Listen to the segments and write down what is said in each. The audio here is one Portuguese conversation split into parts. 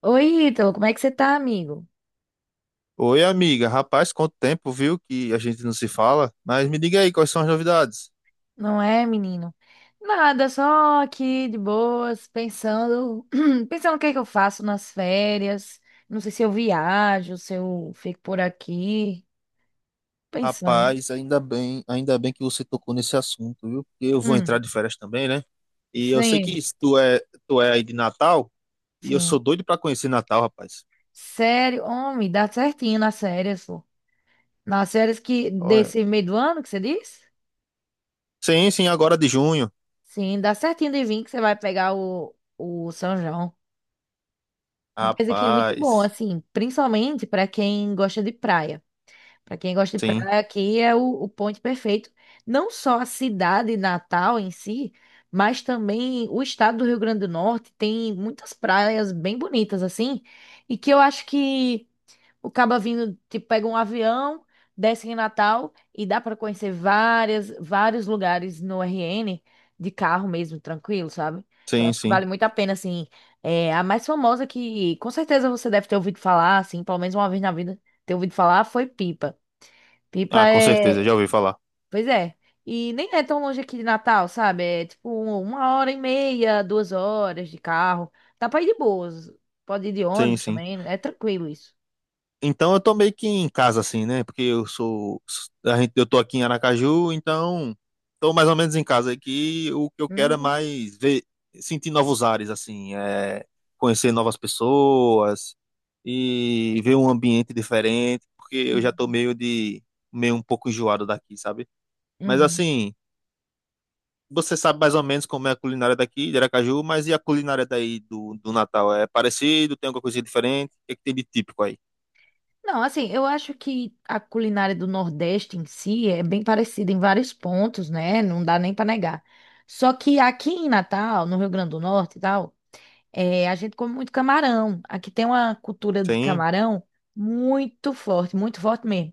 Oi, Ítalo, como é que você tá, amigo? Oi, amiga. Rapaz, quanto tempo, viu, que a gente não se fala? Mas me diga aí, quais são as novidades? Não é, menino? Nada, só aqui de boas, pensando, pensando o que é que eu faço nas férias. Não sei se eu viajo, se eu fico por aqui, pensando. Rapaz, ainda bem que você tocou nesse assunto, viu? Porque eu vou entrar Hum, de férias também, né? E eu sei que sim, tu é aí de Natal, e eu sou sim. doido pra conhecer Natal, rapaz. Sério, homem, dá certinho nas férias, pô. Nas férias que Olha. desse meio do ano que você diz? Sim, sim, agora de junho. Sim, dá certinho de vir que você vai pegar o São João. Rapaz, aqui é muito bom, Rapaz. assim, principalmente para quem gosta de praia. Para quem gosta de Sim, praia, aqui é o ponto perfeito. Não só a cidade Natal em si, mas também o estado do Rio Grande do Norte tem muitas praias bem bonitas assim, e que eu acho que o caba vindo, tipo, pega um avião, desce em Natal e dá para conhecer vários lugares no RN de carro mesmo, tranquilo, sabe? Eu sim, acho que sim. vale muito a pena, assim. É, a mais famosa que com certeza você deve ter ouvido falar, assim, pelo menos uma vez na vida, ter ouvido falar, foi Pipa. Pipa Ah, com certeza, já é. ouvi falar. Pois é. E nem é tão longe aqui de Natal, sabe? É tipo uma hora e meia, 2 horas de carro. Dá pra ir de boas. Pode ir de Sim, ônibus sim. também, né? É tranquilo isso. Então eu tô meio que em casa assim, né? Porque eu sou a gente, eu tô aqui em Aracaju, então tô mais ou menos em casa aqui. O que eu quero é Uhum. mais ver, sentir novos ares assim, é conhecer novas pessoas e ver um ambiente diferente, porque eu já tô Uhum. Meio um pouco enjoado daqui, sabe? Mas Uhum. assim, você sabe mais ou menos como é a culinária daqui de Aracaju, mas e a culinária daí do Natal? É parecido? Tem alguma coisa diferente? O que é que tem de típico aí? Não, assim, eu acho que a culinária do Nordeste em si é bem parecida em vários pontos, né? Não dá nem pra negar. Só que aqui em Natal, no Rio Grande do Norte e tal, é, a gente come muito camarão. Aqui tem uma cultura de Sim, camarão muito forte mesmo.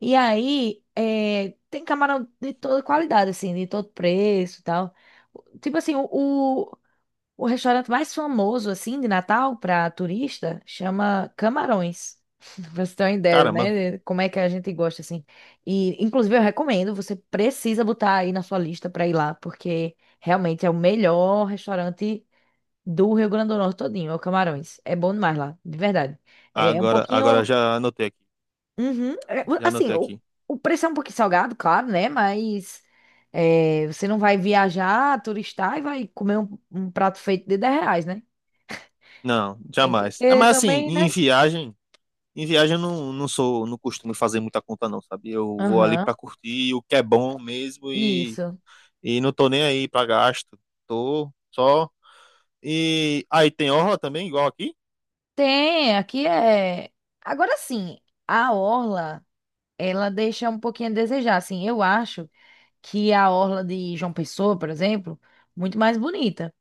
E aí, é, tem camarão de toda qualidade, assim, de todo preço e tal. Tipo assim, o, o restaurante mais famoso, assim, de Natal para turista, chama Camarões. Pra você ter uma ideia, caramba. né? de como é que a gente gosta, assim. E, inclusive, eu recomendo, você precisa botar aí na sua lista para ir lá, porque realmente é o melhor restaurante do Rio Grande do Norte todinho, é o Camarões. É bom demais lá, de verdade. É um Agora pouquinho. já anotei aqui. Uhum. É, Já assim, anotei o, aqui. o preço é um pouquinho salgado, claro, né? Mas é, você não vai viajar, turistar e vai comer um prato feito de R$ 10, né? Não, Tem que jamais. É, ter mas assim, também, né? Em viagem eu não costumo fazer muita conta não, sabe? Eu vou ali Aham, pra curtir o que é bom mesmo isso. e não tô nem aí pra gasto. Tô só. E aí tem orla também, igual aqui? Tem, aqui é. Agora sim, a orla, ela deixa um pouquinho a desejar. Assim, eu acho que a orla de João Pessoa, por exemplo, muito mais bonita.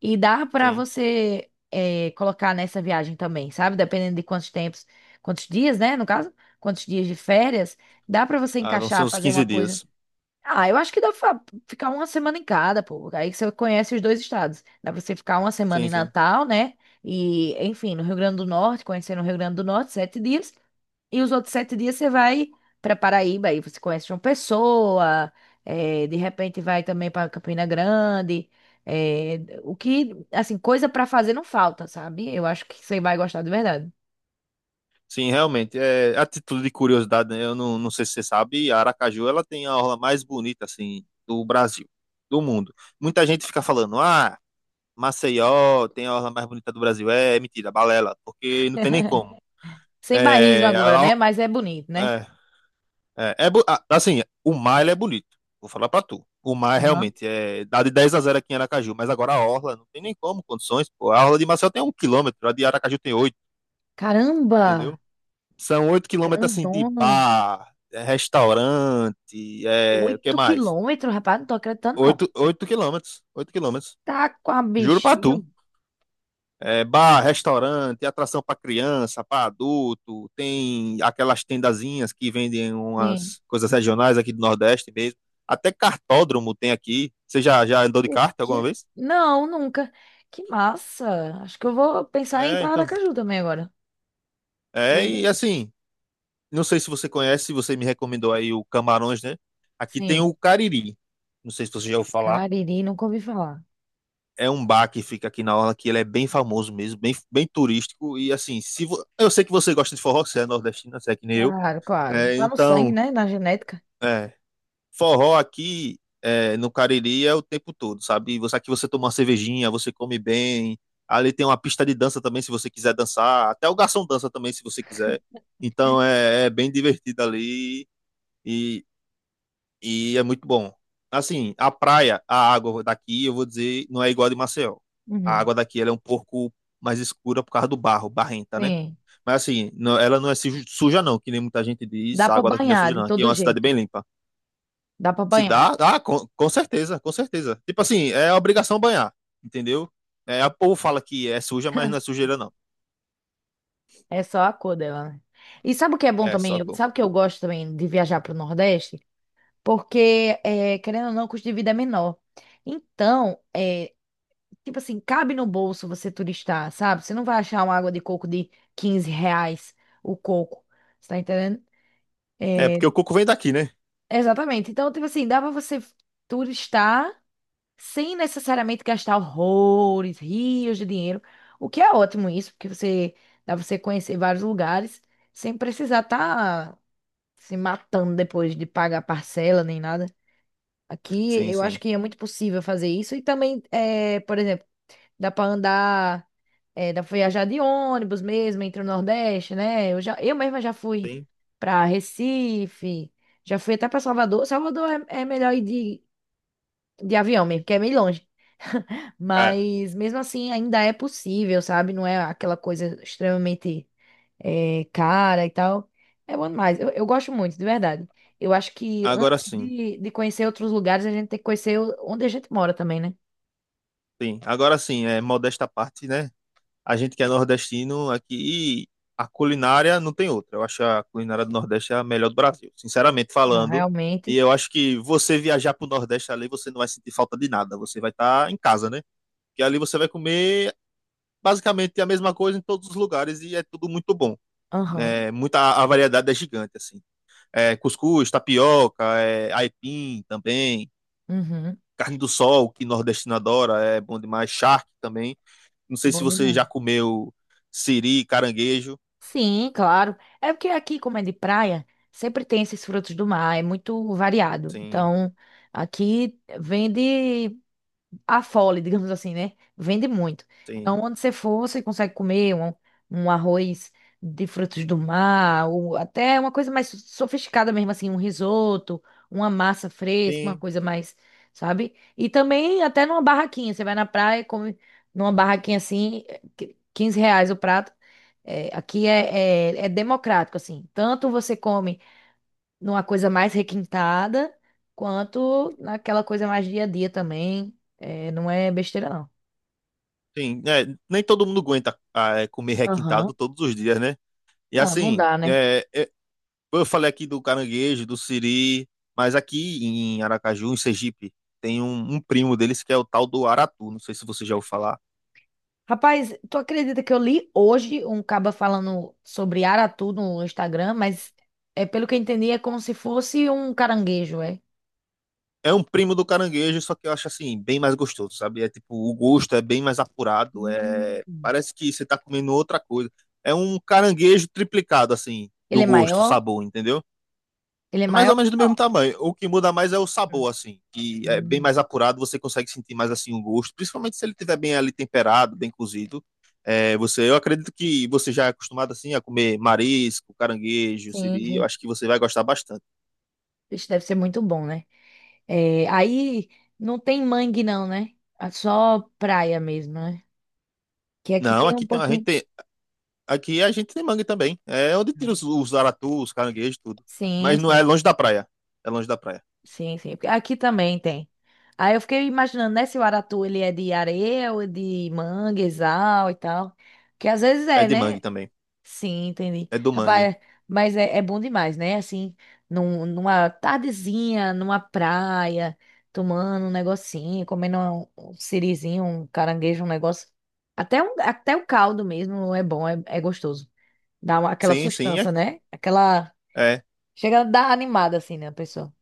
E dá pra Sim. você colocar nessa viagem também, sabe? Dependendo de quantos tempos, quantos dias, né? No caso, quantos dias de férias, dá pra você Ah, vão ser encaixar, uns fazer 15 uma coisa. dias. Ah, eu acho que dá pra ficar uma semana em cada, pô. Aí você conhece os dois estados. Dá pra você ficar uma semana Sim, em sim. Natal, né? E, enfim, no Rio Grande do Norte, conhecer no Rio Grande do Norte, 7 dias. E os outros 7 dias você vai para Paraíba, aí você conhece João Pessoa, de repente vai também para Campina Grande. O que, assim, coisa para fazer não falta, sabe? Eu acho que você vai gostar de verdade. Sim, realmente. É, a título de curiosidade, né? Eu não sei se você sabe, a Aracaju, ela tem a orla mais bonita, assim, do Brasil, do mundo. Muita gente fica falando, ah, Maceió tem a orla mais bonita do Brasil. É, é mentira, balela, porque não tem nem como. Sem bairrismo É, agora, ela- né? Mas é bonito, né? é, assim, o mar ele é bonito. Vou falar pra tu. O mar Aham. realmente dá de 10 a 0 aqui em Aracaju, mas agora a orla não tem nem como condições, pô. A orla de Maceió tem 1 quilômetro, a de Aracaju tem oito, Caramba! entendeu? São 8 quilômetros assim de Grandona! bar, restaurante, o que Oito mais? quilômetros, rapaz, não tô acreditando, não. Oito, 8 quilômetros, 8 quilômetros. Tá com a Juro pra bexiga. tu. É, bar, restaurante, atração para criança, para adulto, tem aquelas tendazinhas que vendem Sim. umas coisas regionais aqui do Nordeste mesmo. Até cartódromo tem aqui. Você já andou de kart alguma vez? Não, nunca. Que massa! Acho que eu vou pensar em É, então. Aracaju também agora. É, e assim, não sei se você conhece, você me recomendou aí o Camarões, né? Aqui tem o Sim. Cariri. Não sei se você já ouviu falar. Cariri, nunca ouvi falar. É um bar que fica aqui na orla, que ele é bem famoso mesmo, bem, bem turístico. E assim, se vo- eu sei que você gosta de forró, você é nordestino, você é que nem eu. Claro, claro. É, Lá no sangue, então, né? Na genética. é, Forró aqui é, no Cariri é o tempo todo, sabe? Você aqui você toma uma cervejinha, você come bem. Ali tem uma pista de dança também, se você quiser dançar. Até o garçom dança também, se você quiser. Então é bem divertido ali e, e é muito bom. Assim, a praia, a água daqui, eu vou dizer, não é igual a de Maceió. A Uhum. água daqui ela é um pouco mais escura por causa do barro, barrenta, né? Sim. Mas assim, não- ela não é suja, não, que nem muita gente diz. Dá A pra água daqui não é suja, banhar de não. Aqui é todo uma cidade jeito. bem limpa. Dá pra Se banhar. dá, dá, com certeza, com certeza. Tipo assim, é obrigação banhar, entendeu? É, o povo fala que é suja, mas não é sujeira, não. É só a cor dela, né? E sabe o que é bom É, também? só coco. Sabe o que eu gosto também de viajar pro Nordeste? Porque, é, querendo ou não, o custo de vida é menor. Então, é, tipo assim, cabe no bolso você turistar, sabe? Você não vai achar uma água de coco de R$ 15 o coco. Você tá entendendo? É, É, porque o coco vem daqui, né? exatamente. Então, tipo assim, dá pra você turistar sem necessariamente gastar horrores, rios de dinheiro, o que é ótimo isso, porque você dá pra você conhecer vários lugares sem precisar estar se matando depois de pagar parcela nem nada. Aqui Sim, eu acho sim. que é muito possível fazer isso e também, é, por exemplo, dá pra andar, é, dá pra viajar de ônibus mesmo entre o Nordeste, né? Eu já, eu mesma já fui Sim. pra Recife, já fui até pra Salvador. Salvador é melhor ir de avião mesmo, porque é meio longe. É, Mas mesmo assim ainda é possível, sabe? Não é aquela coisa extremamente cara e tal. É bom demais. Eu gosto muito, de verdade. Eu acho que agora antes sim. de conhecer outros lugares, a gente tem que conhecer onde a gente mora também, né? Sim, agora sim, é modesta à parte, né? A gente que é nordestino aqui, a culinária não tem outra. Eu acho a culinária do Nordeste a melhor do Brasil, sinceramente Não, falando. E realmente. eu acho que você viajar pro Nordeste ali, você não vai sentir falta de nada. Você vai estar em casa, né? Porque ali você vai comer basicamente é a mesma coisa em todos os lugares e é tudo muito bom. Aham. É, a variedade é gigante, assim. É, cuscuz, tapioca, é, aipim também, Uhum. carne do sol, que nordestino adora, é bom demais, charque também. Não sei se Bom você demais. já comeu siri, caranguejo. Sim, claro. É porque aqui, como é de praia, sempre tem esses frutos do mar, é muito variado. Sim, Então, aqui vende a fole, digamos assim, né? Vende muito. sim, Então, onde você for, você consegue comer um arroz de frutos do mar, ou até uma coisa mais sofisticada mesmo, assim, um risoto, uma massa fresca, uma sim, coisa mais, sabe? E também até numa barraquinha. Você vai na praia, e come numa barraquinha assim, reais o prato. É, aqui é democrático, assim. Tanto você come numa coisa mais requintada, quanto naquela coisa mais dia a dia também. É, não é besteira, não. sim. É, nem todo mundo aguenta comer Aham. requintado todos os dias, né? E Não, não assim, dá, né? Eu falei aqui do caranguejo, do siri, mas aqui em Aracaju, em Sergipe, tem um primo deles que é o tal do aratu. Não sei se você já ouviu falar. Rapaz, tu acredita que eu li hoje um caba falando sobre aratu no Instagram, mas é pelo que eu entendi, é como se fosse um caranguejo, é? É um primo do caranguejo, só que eu acho assim, bem mais gostoso, sabe? É tipo, o gosto é bem mais apurado. Hum. Parece que você tá comendo outra coisa. É um caranguejo triplicado, assim, Ele do é gosto, maior? sabor, entendeu? Ele é É mais ou maior? menos do mesmo tamanho. O que muda mais é o sabor, Hum. assim, que é bem Hum. mais apurado, você consegue sentir mais assim o gosto, principalmente se ele estiver bem ali temperado, bem cozido. É, você, eu acredito que você já é acostumado assim a comer marisco, caranguejo, Sim, siri, eu sim. acho que você vai gostar bastante. Isso deve ser muito bom, né? É, aí não tem mangue, não, né? É só praia mesmo, né? Que aqui Não, tem um aqui tem a gente pouquinho. tem, aqui a gente tem mangue também. É onde tira os aratus, os caranguejos, tudo. Sim, Mas não é sim, longe da praia. É longe da praia. sim, sim. Porque aqui também tem. Aí eu fiquei imaginando, né, se o aratu ele é de areia ou é de manguezal e tal. Que às vezes É é, de né? mangue também. Sim, entendi. É do mangue. Rapaz, mas é bom demais, né? Assim, numa tardezinha, numa praia, tomando um negocinho, comendo um sirizinho, um caranguejo, um negócio. Até o caldo mesmo é bom, é gostoso. Dá aquela Sim, sim, é sustância, aqui. né? Aquela. É. Chega a dar animada, assim, né, a pessoa.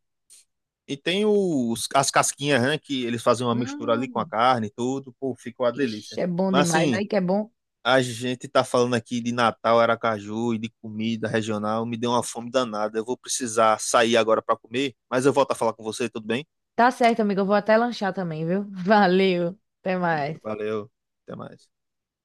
E tem os, as casquinhas, né, que eles fazem uma mistura ali com a Hum, carne e tudo, pô, fica uma ixi, delícia. é bom Mas demais. assim, Aí que é bom. a gente tá falando aqui de Natal, Aracaju e de comida regional, me deu uma fome danada. Eu vou precisar sair agora para comer, mas eu volto a falar com você, tudo bem? Tá certo, amiga. Eu vou até lanchar também, viu? Valeu. Até mais. Valeu, até mais.